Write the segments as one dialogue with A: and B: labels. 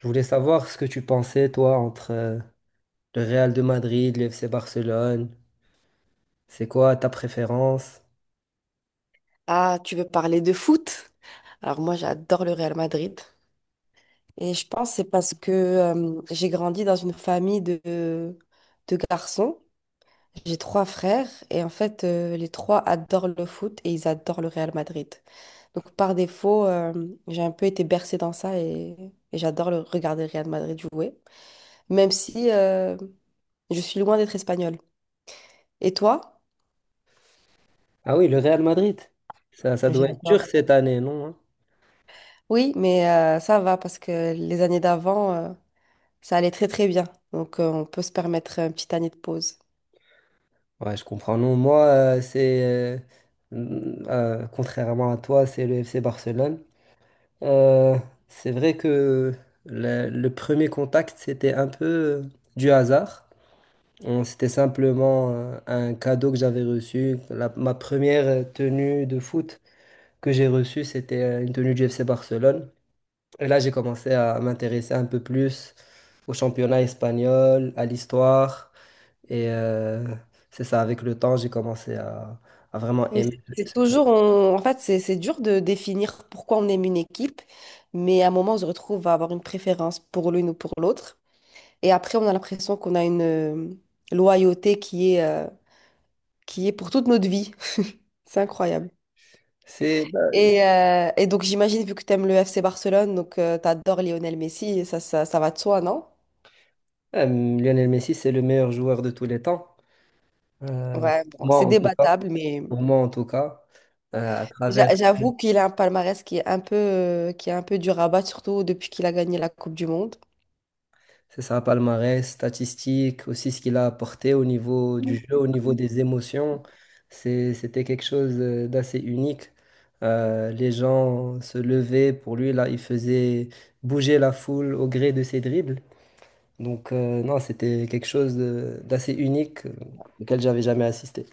A: Je voulais savoir ce que tu pensais, toi, entre le Real de Madrid, le FC Barcelone. C'est quoi ta préférence?
B: Ah, tu veux parler de foot? Alors moi, j'adore le Real Madrid. Et je pense que c'est parce que j'ai grandi dans une famille de garçons. J'ai trois frères et en fait, les trois adorent le foot et ils adorent le Real Madrid. Donc par défaut, j'ai un peu été bercée dans ça et j'adore regarder le Real Madrid jouer, même si je suis loin d'être espagnole. Et toi?
A: Ah oui, le Real Madrid. Ça doit être dur
B: J'adore.
A: cette année, non? Hein.
B: Oui, mais ça va parce que les années d'avant, ça allait très très bien. Donc on peut se permettre une petite année de pause.
A: Ouais, je comprends. Non, moi, c'est, contrairement à toi, c'est le FC Barcelone. Euh, c'est vrai que le premier contact, c'était un peu du hasard. C'était simplement un cadeau que j'avais reçu, ma première tenue de foot, que j'ai reçue, c'était une tenue du FC Barcelone. Et là, j'ai commencé à m'intéresser un peu plus au championnat espagnol, à l'histoire. Et c'est ça, avec le temps, j'ai commencé à vraiment
B: Mais
A: aimer.
B: c'est toujours, en fait, c'est dur de définir pourquoi on aime une équipe, mais à un moment, on se retrouve à avoir une préférence pour l'une ou pour l'autre. Et après, on a l'impression qu'on a une loyauté qui est, qui est pour toute notre vie. C'est incroyable.
A: Bah,
B: Et donc j'imagine, vu que tu aimes le FC Barcelone, donc tu adores Lionel Messi, ça va de soi, non?
A: Lionel Messi, c'est le meilleur joueur de tous les temps. Euh,
B: Ouais, bon,
A: Moi,
B: c'est
A: en tout cas.
B: débattable, mais...
A: Pour moi, en tout cas, à travers.
B: J'avoue qu'il a un palmarès qui est un peu, qui est un peu dur à battre, surtout depuis qu'il a gagné la Coupe du Monde.
A: C'est ça, palmarès, statistique, aussi ce qu'il a apporté au niveau du jeu, au niveau des émotions. C'était quelque chose d'assez unique. Les gens se levaient pour lui, là, il faisait bouger la foule au gré de ses dribbles. Donc, non, c'était quelque chose d'assez unique auquel j'avais jamais assisté.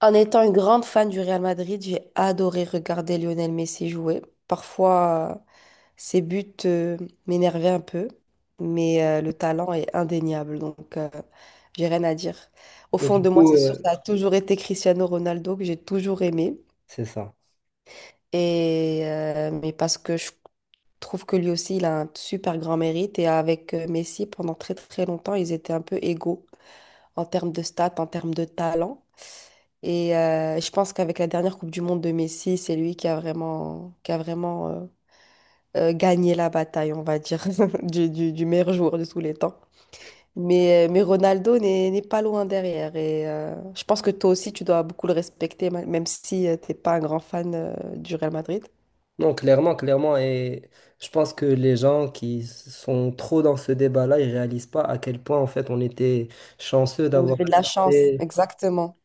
B: En étant une grande fan du Real Madrid, j'ai adoré regarder Lionel Messi jouer. Parfois, ses buts, m'énervaient un peu, mais le talent est indéniable, donc j'ai rien à dire. Au
A: Mais
B: fond
A: du
B: de moi,
A: coup,
B: c'est sûr, ça a toujours été Cristiano Ronaldo que j'ai toujours aimé,
A: c'est ça.
B: et mais parce que je trouve que lui aussi, il a un super grand mérite. Et avec Messi, pendant très très longtemps, ils étaient un peu égaux en termes de stats, en termes de talent. Et je pense qu'avec la dernière Coupe du Monde de Messi, c'est lui qui a vraiment, qui a vraiment gagné la bataille, on va dire, du meilleur joueur de tous les temps. Mais Ronaldo n'est pas loin derrière. Et je pense que toi aussi, tu dois beaucoup le respecter, même si tu t'es pas un grand fan du Real Madrid.
A: Non, clairement, clairement. Et je pense que les gens qui sont trop dans ce débat-là, ils réalisent pas à quel point, en fait, on était chanceux
B: On
A: d'avoir
B: avait de la chance,
A: assisté,
B: exactement.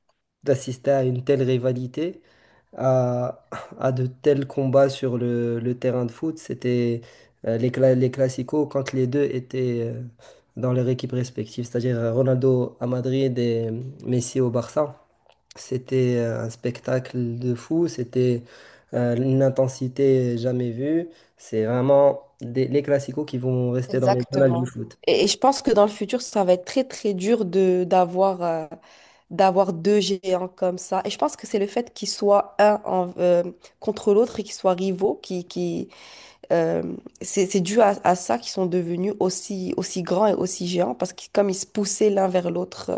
A: d'assister à une telle rivalité à, à de tels combats sur le terrain de foot. C'était les classicos quand les deux étaient dans leur équipe respective, c'est-à-dire Ronaldo à Madrid et Messi au Barça. C'était un spectacle de fou, c'était une intensité jamais vue. C'est vraiment les classicos qui vont rester dans les annales du
B: Exactement.
A: foot.
B: Et je pense que dans le futur, ça va être très, très dur de d'avoir deux géants comme ça. Et je pense que c'est le fait qu'ils soient contre l'autre et qu'ils soient rivaux, qui, euh, c'est dû à ça qu'ils sont devenus aussi, aussi grands et aussi géants, parce que comme ils se poussaient l'un vers l'autre,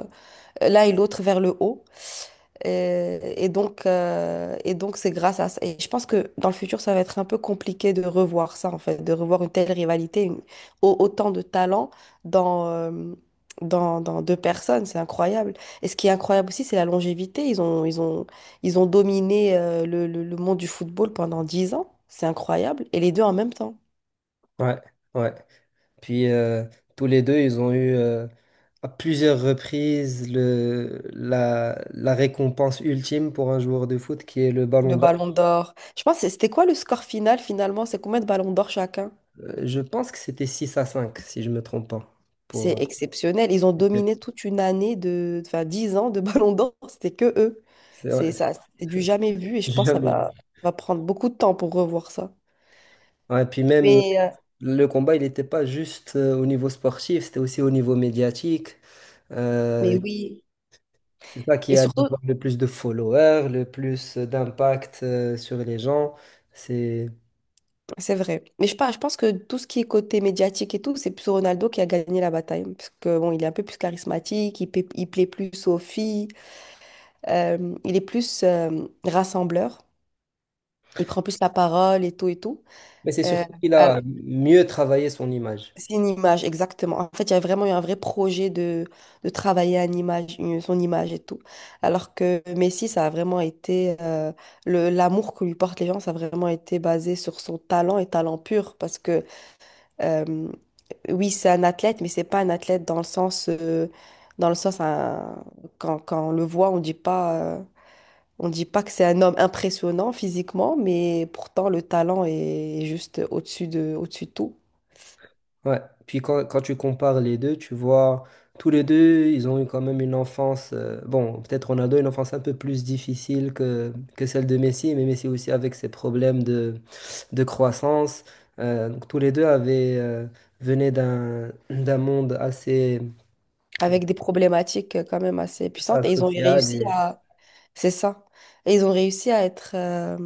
B: l'un et l'autre vers le haut. Et donc, c'est grâce à ça. Et je pense que dans le futur, ça va être un peu compliqué de revoir ça, en fait, de revoir une telle rivalité, autant de talent dans, dans deux personnes. C'est incroyable. Et ce qui est incroyable aussi, c'est la longévité. Ils ont dominé, le monde du football pendant 10 ans. C'est incroyable. Et les deux en même temps.
A: Ouais, ouais. Puis tous les deux, ils ont eu à plusieurs reprises la récompense ultime pour un joueur de foot qui est le
B: Le
A: ballon d'or.
B: ballon d'or. Je pense, que c'était quoi le score final, finalement? C'est combien de ballons d'or chacun?
A: Je pense que c'était 6-5, si je ne me trompe pas. Pour, euh,
B: C'est exceptionnel. Ils ont dominé toute une année de, enfin, 10 ans de Ballon d'Or. C'était que eux.
A: c'est
B: C'est
A: vrai,
B: ça, c'est du jamais vu et je
A: j'ai
B: pense que
A: jamais vu.
B: ça va prendre beaucoup de temps pour revoir ça.
A: Ouais, puis même
B: Mais, euh,
A: le combat, il n'était pas juste au niveau sportif, c'était aussi au niveau médiatique.
B: mais
A: Euh,
B: oui.
A: c'est ça qui
B: Et
A: allait
B: surtout,
A: avoir le plus de followers, le plus d'impact sur les gens. C'est
B: c'est vrai. Mais je, pas- je pense que tout ce qui est côté médiatique et tout, c'est plus Ronaldo qui a gagné la bataille. Parce que bon, il est un peu plus charismatique, il plaît plus aux filles, il est plus rassembleur, il prend plus la parole et tout et tout.
A: Mais c'est
B: Euh,
A: surtout qu'il a mieux travaillé son image.
B: C'est une image, exactement. En fait, il y a vraiment eu un vrai projet de travailler une image, son image et tout. Alors que Messi, ça a vraiment été... l'amour que lui portent les gens, ça a vraiment été basé sur son talent et talent pur. Parce que, euh, oui, c'est un athlète, mais c'est pas un athlète dans le sens, quand, quand on le voit, on dit pas... On dit pas que c'est un homme impressionnant physiquement, mais pourtant le talent est juste au-dessus de tout.
A: Ouais. Puis quand tu compares les deux, tu vois, tous les deux, ils ont eu quand même une enfance, bon, peut-être Ronaldo, une enfance un peu plus difficile que celle de Messi, mais Messi aussi avec ses problèmes de croissance. Donc tous les deux venaient d'un monde assez,
B: Avec des problématiques quand même assez
A: assez
B: puissantes. Et ils ont
A: social
B: réussi
A: et.
B: à... C'est ça. Et ils ont réussi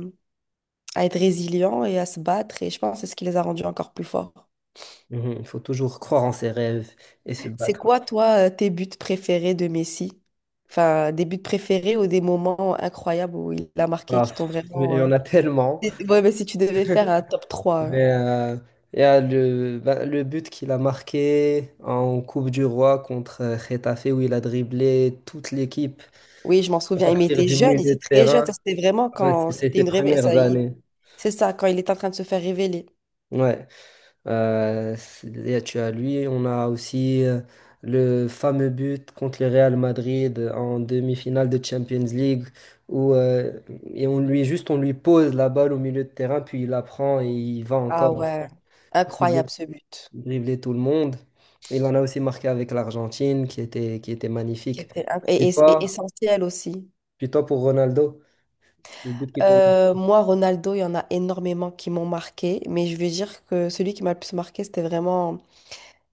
B: à être résilients et à se battre. Et je pense que c'est ce qui les a rendus encore plus forts.
A: Mhm, il faut toujours croire en ses rêves et se
B: C'est
A: battre.
B: quoi, toi, tes buts préférés de Messi? Enfin, des buts préférés ou des moments incroyables où il a marqué
A: Ah,
B: qui t'ont
A: mais il
B: vraiment...
A: y en a tellement.
B: Et- Ouais, mais si tu devais faire un top 3 hein.
A: Mais il y a ben, le but qu'il a marqué en Coupe du Roi contre Getafe où il a dribblé toute l'équipe
B: Oui, je m'en
A: à
B: souviens. Il
A: partir
B: était
A: du
B: jeune, il
A: milieu
B: était
A: de
B: très jeune. Ça,
A: terrain.
B: c'était vraiment
A: Ouais,
B: quand
A: c'était
B: c'était
A: ses
B: une révélation.
A: premières années.
B: C'est ça, quand il était en train de se faire révéler.
A: Ouais. C'est- il y a- tu as lui, On a aussi le fameux but contre le Real Madrid en demi-finale de Champions League où on lui pose la balle au milieu de terrain puis il la prend et il va
B: Ah
A: encore
B: ouais, incroyable ce but.
A: dribbler tout le monde. Il en a aussi marqué avec l'Argentine, qui était magnifique.
B: Et,
A: Puis
B: et
A: toi,
B: essentiel aussi.
A: puis toi, pour Ronaldo, le but qui tombe,
B: Moi, Ronaldo, il y en a énormément qui m'ont marqué, mais je vais dire que celui qui m'a le plus marqué, c'était vraiment.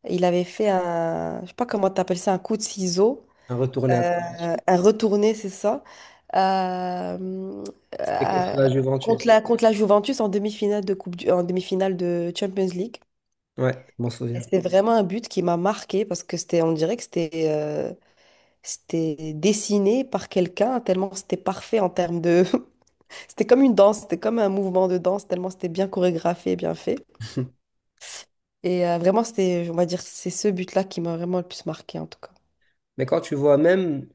B: Il avait fait un. Je sais pas comment t'appelles ça, un coup de ciseau,
A: un retourné acrobatique.
B: un retourné, c'est ça, euh,
A: C'était
B: euh,
A: contre la
B: contre
A: Juventus.
B: contre la Juventus en demi-finale de coupe du- en demi-finale de Champions League.
A: Ouais, je m'en
B: Et
A: souviens.
B: c'était vraiment un but qui m'a marqué parce que c'était, on dirait que c'était dessiné par quelqu'un, tellement c'était parfait en termes de. C'était comme une danse, c'était comme un mouvement de danse, tellement c'était bien chorégraphié et bien fait. Et vraiment, c'était, on va dire, c'est ce but-là qui m'a vraiment le plus marqué, en tout cas.
A: Mais quand tu vois même,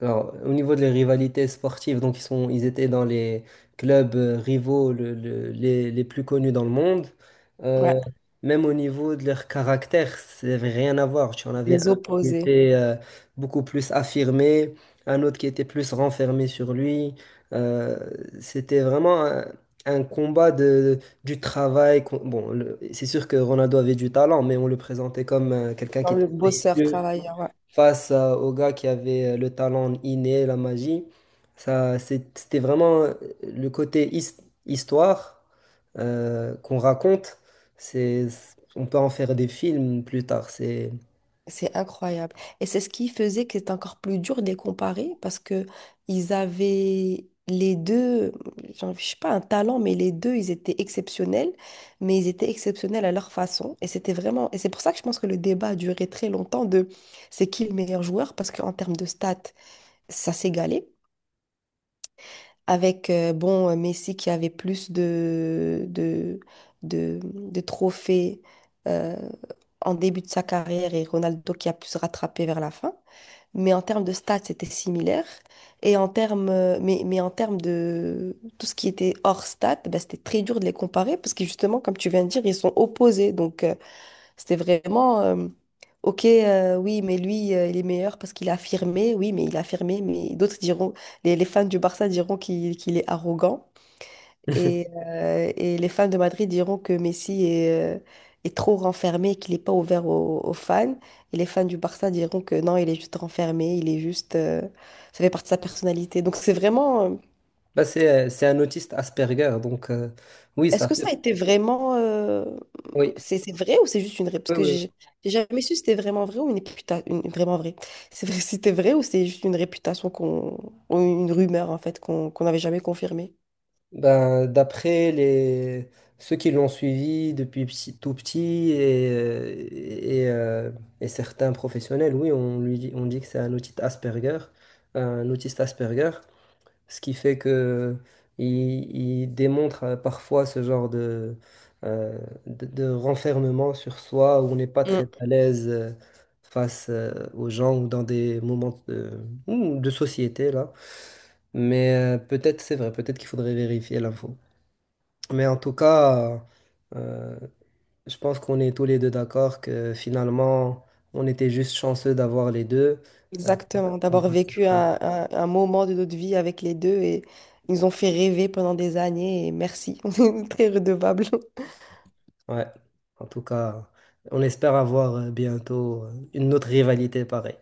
A: alors, au niveau des rivalités sportives, donc ils sont, ils étaient dans les clubs rivaux les plus connus dans le monde.
B: Ouais,
A: Euh, Même au niveau de leur caractère, ça n'avait rien à voir. Tu en avais un
B: les
A: qui
B: opposés,
A: était beaucoup plus affirmé, un autre qui était plus renfermé sur lui. Euh, C'était vraiment un combat de, du travail. Bon, c'est sûr que Ronaldo avait du talent, mais on le présentait comme quelqu'un qui
B: comme le
A: travaillait
B: bosseur
A: dur
B: travailleur, ouais.
A: au gars qui avait le talent inné, la magie. Ça, c'était vraiment le côté histoire qu'on raconte. C'est, on peut en faire des films plus tard.
B: C'est incroyable. Et c'est ce qui faisait que c'était encore plus dur de les comparer parce que ils avaient les deux, je sais pas, un talent, mais les deux, ils étaient exceptionnels, mais ils étaient exceptionnels à leur façon. Et c'était vraiment, et c'est pour ça que je pense que le débat a duré très longtemps de c'est qui le meilleur joueur parce qu'en termes de stats, ça s'égalait. Avec Messi qui avait plus de trophées euh, en début de sa carrière et Ronaldo qui a pu se rattraper vers la fin. Mais en termes de stats, c'était similaire. Et en termes, en termes de tout ce qui était hors stats, ben, c'était très dur de les comparer parce que justement, comme tu viens de dire, ils sont opposés. Donc, c'était vraiment, ok, oui, mais lui, il est meilleur parce qu'il a affirmé, oui, mais il a affirmé, mais d'autres diront, les fans du Barça diront qu'il est arrogant et, euh, et les fans de Madrid diront que Messi est, est trop renfermé, qu'il n'est pas ouvert aux fans et les fans du Barça diront que non, il est juste renfermé, il est juste, ça fait partie de sa personnalité. Donc c'est vraiment,
A: Bah, c'est un autiste Asperger, donc oui,
B: est-ce
A: ça
B: que
A: fait.
B: ça a été vraiment,
A: Oui,
B: C'est vrai ou c'est juste une ré... Parce
A: oui,
B: que
A: oui.
B: j'ai jamais su si c'était vraiment vrai ou une réputation. Vraiment vrai. C'est vrai, si c'était vrai ou c'est juste une réputation qu'on. Ou une rumeur en fait qu'on n'avait jamais confirmée.
A: Ben, d'après les ceux qui l'ont suivi depuis tout petit et certains professionnels, oui, on lui dit, on dit que c'est un autiste Asperger, un autiste Asperger. Ce qui fait que il, il démontre parfois ce genre euh, de renfermement sur soi où on n'est pas très
B: Mm.
A: à l'aise face aux gens ou dans des moments de, ou de société là. Mais peut-être c'est vrai, peut-être qu'il faudrait vérifier l'info. Mais en tout cas, euh, je pense qu'on est tous les deux d'accord que finalement, on était juste chanceux d'avoir les deux.
B: Exactement.
A: Euh,
B: D'avoir vécu un moment de notre vie avec les deux et ils nous ont fait rêver pendant des années et merci. On est très redevables.
A: Ouais. En tout cas, on espère avoir bientôt une autre rivalité pareille.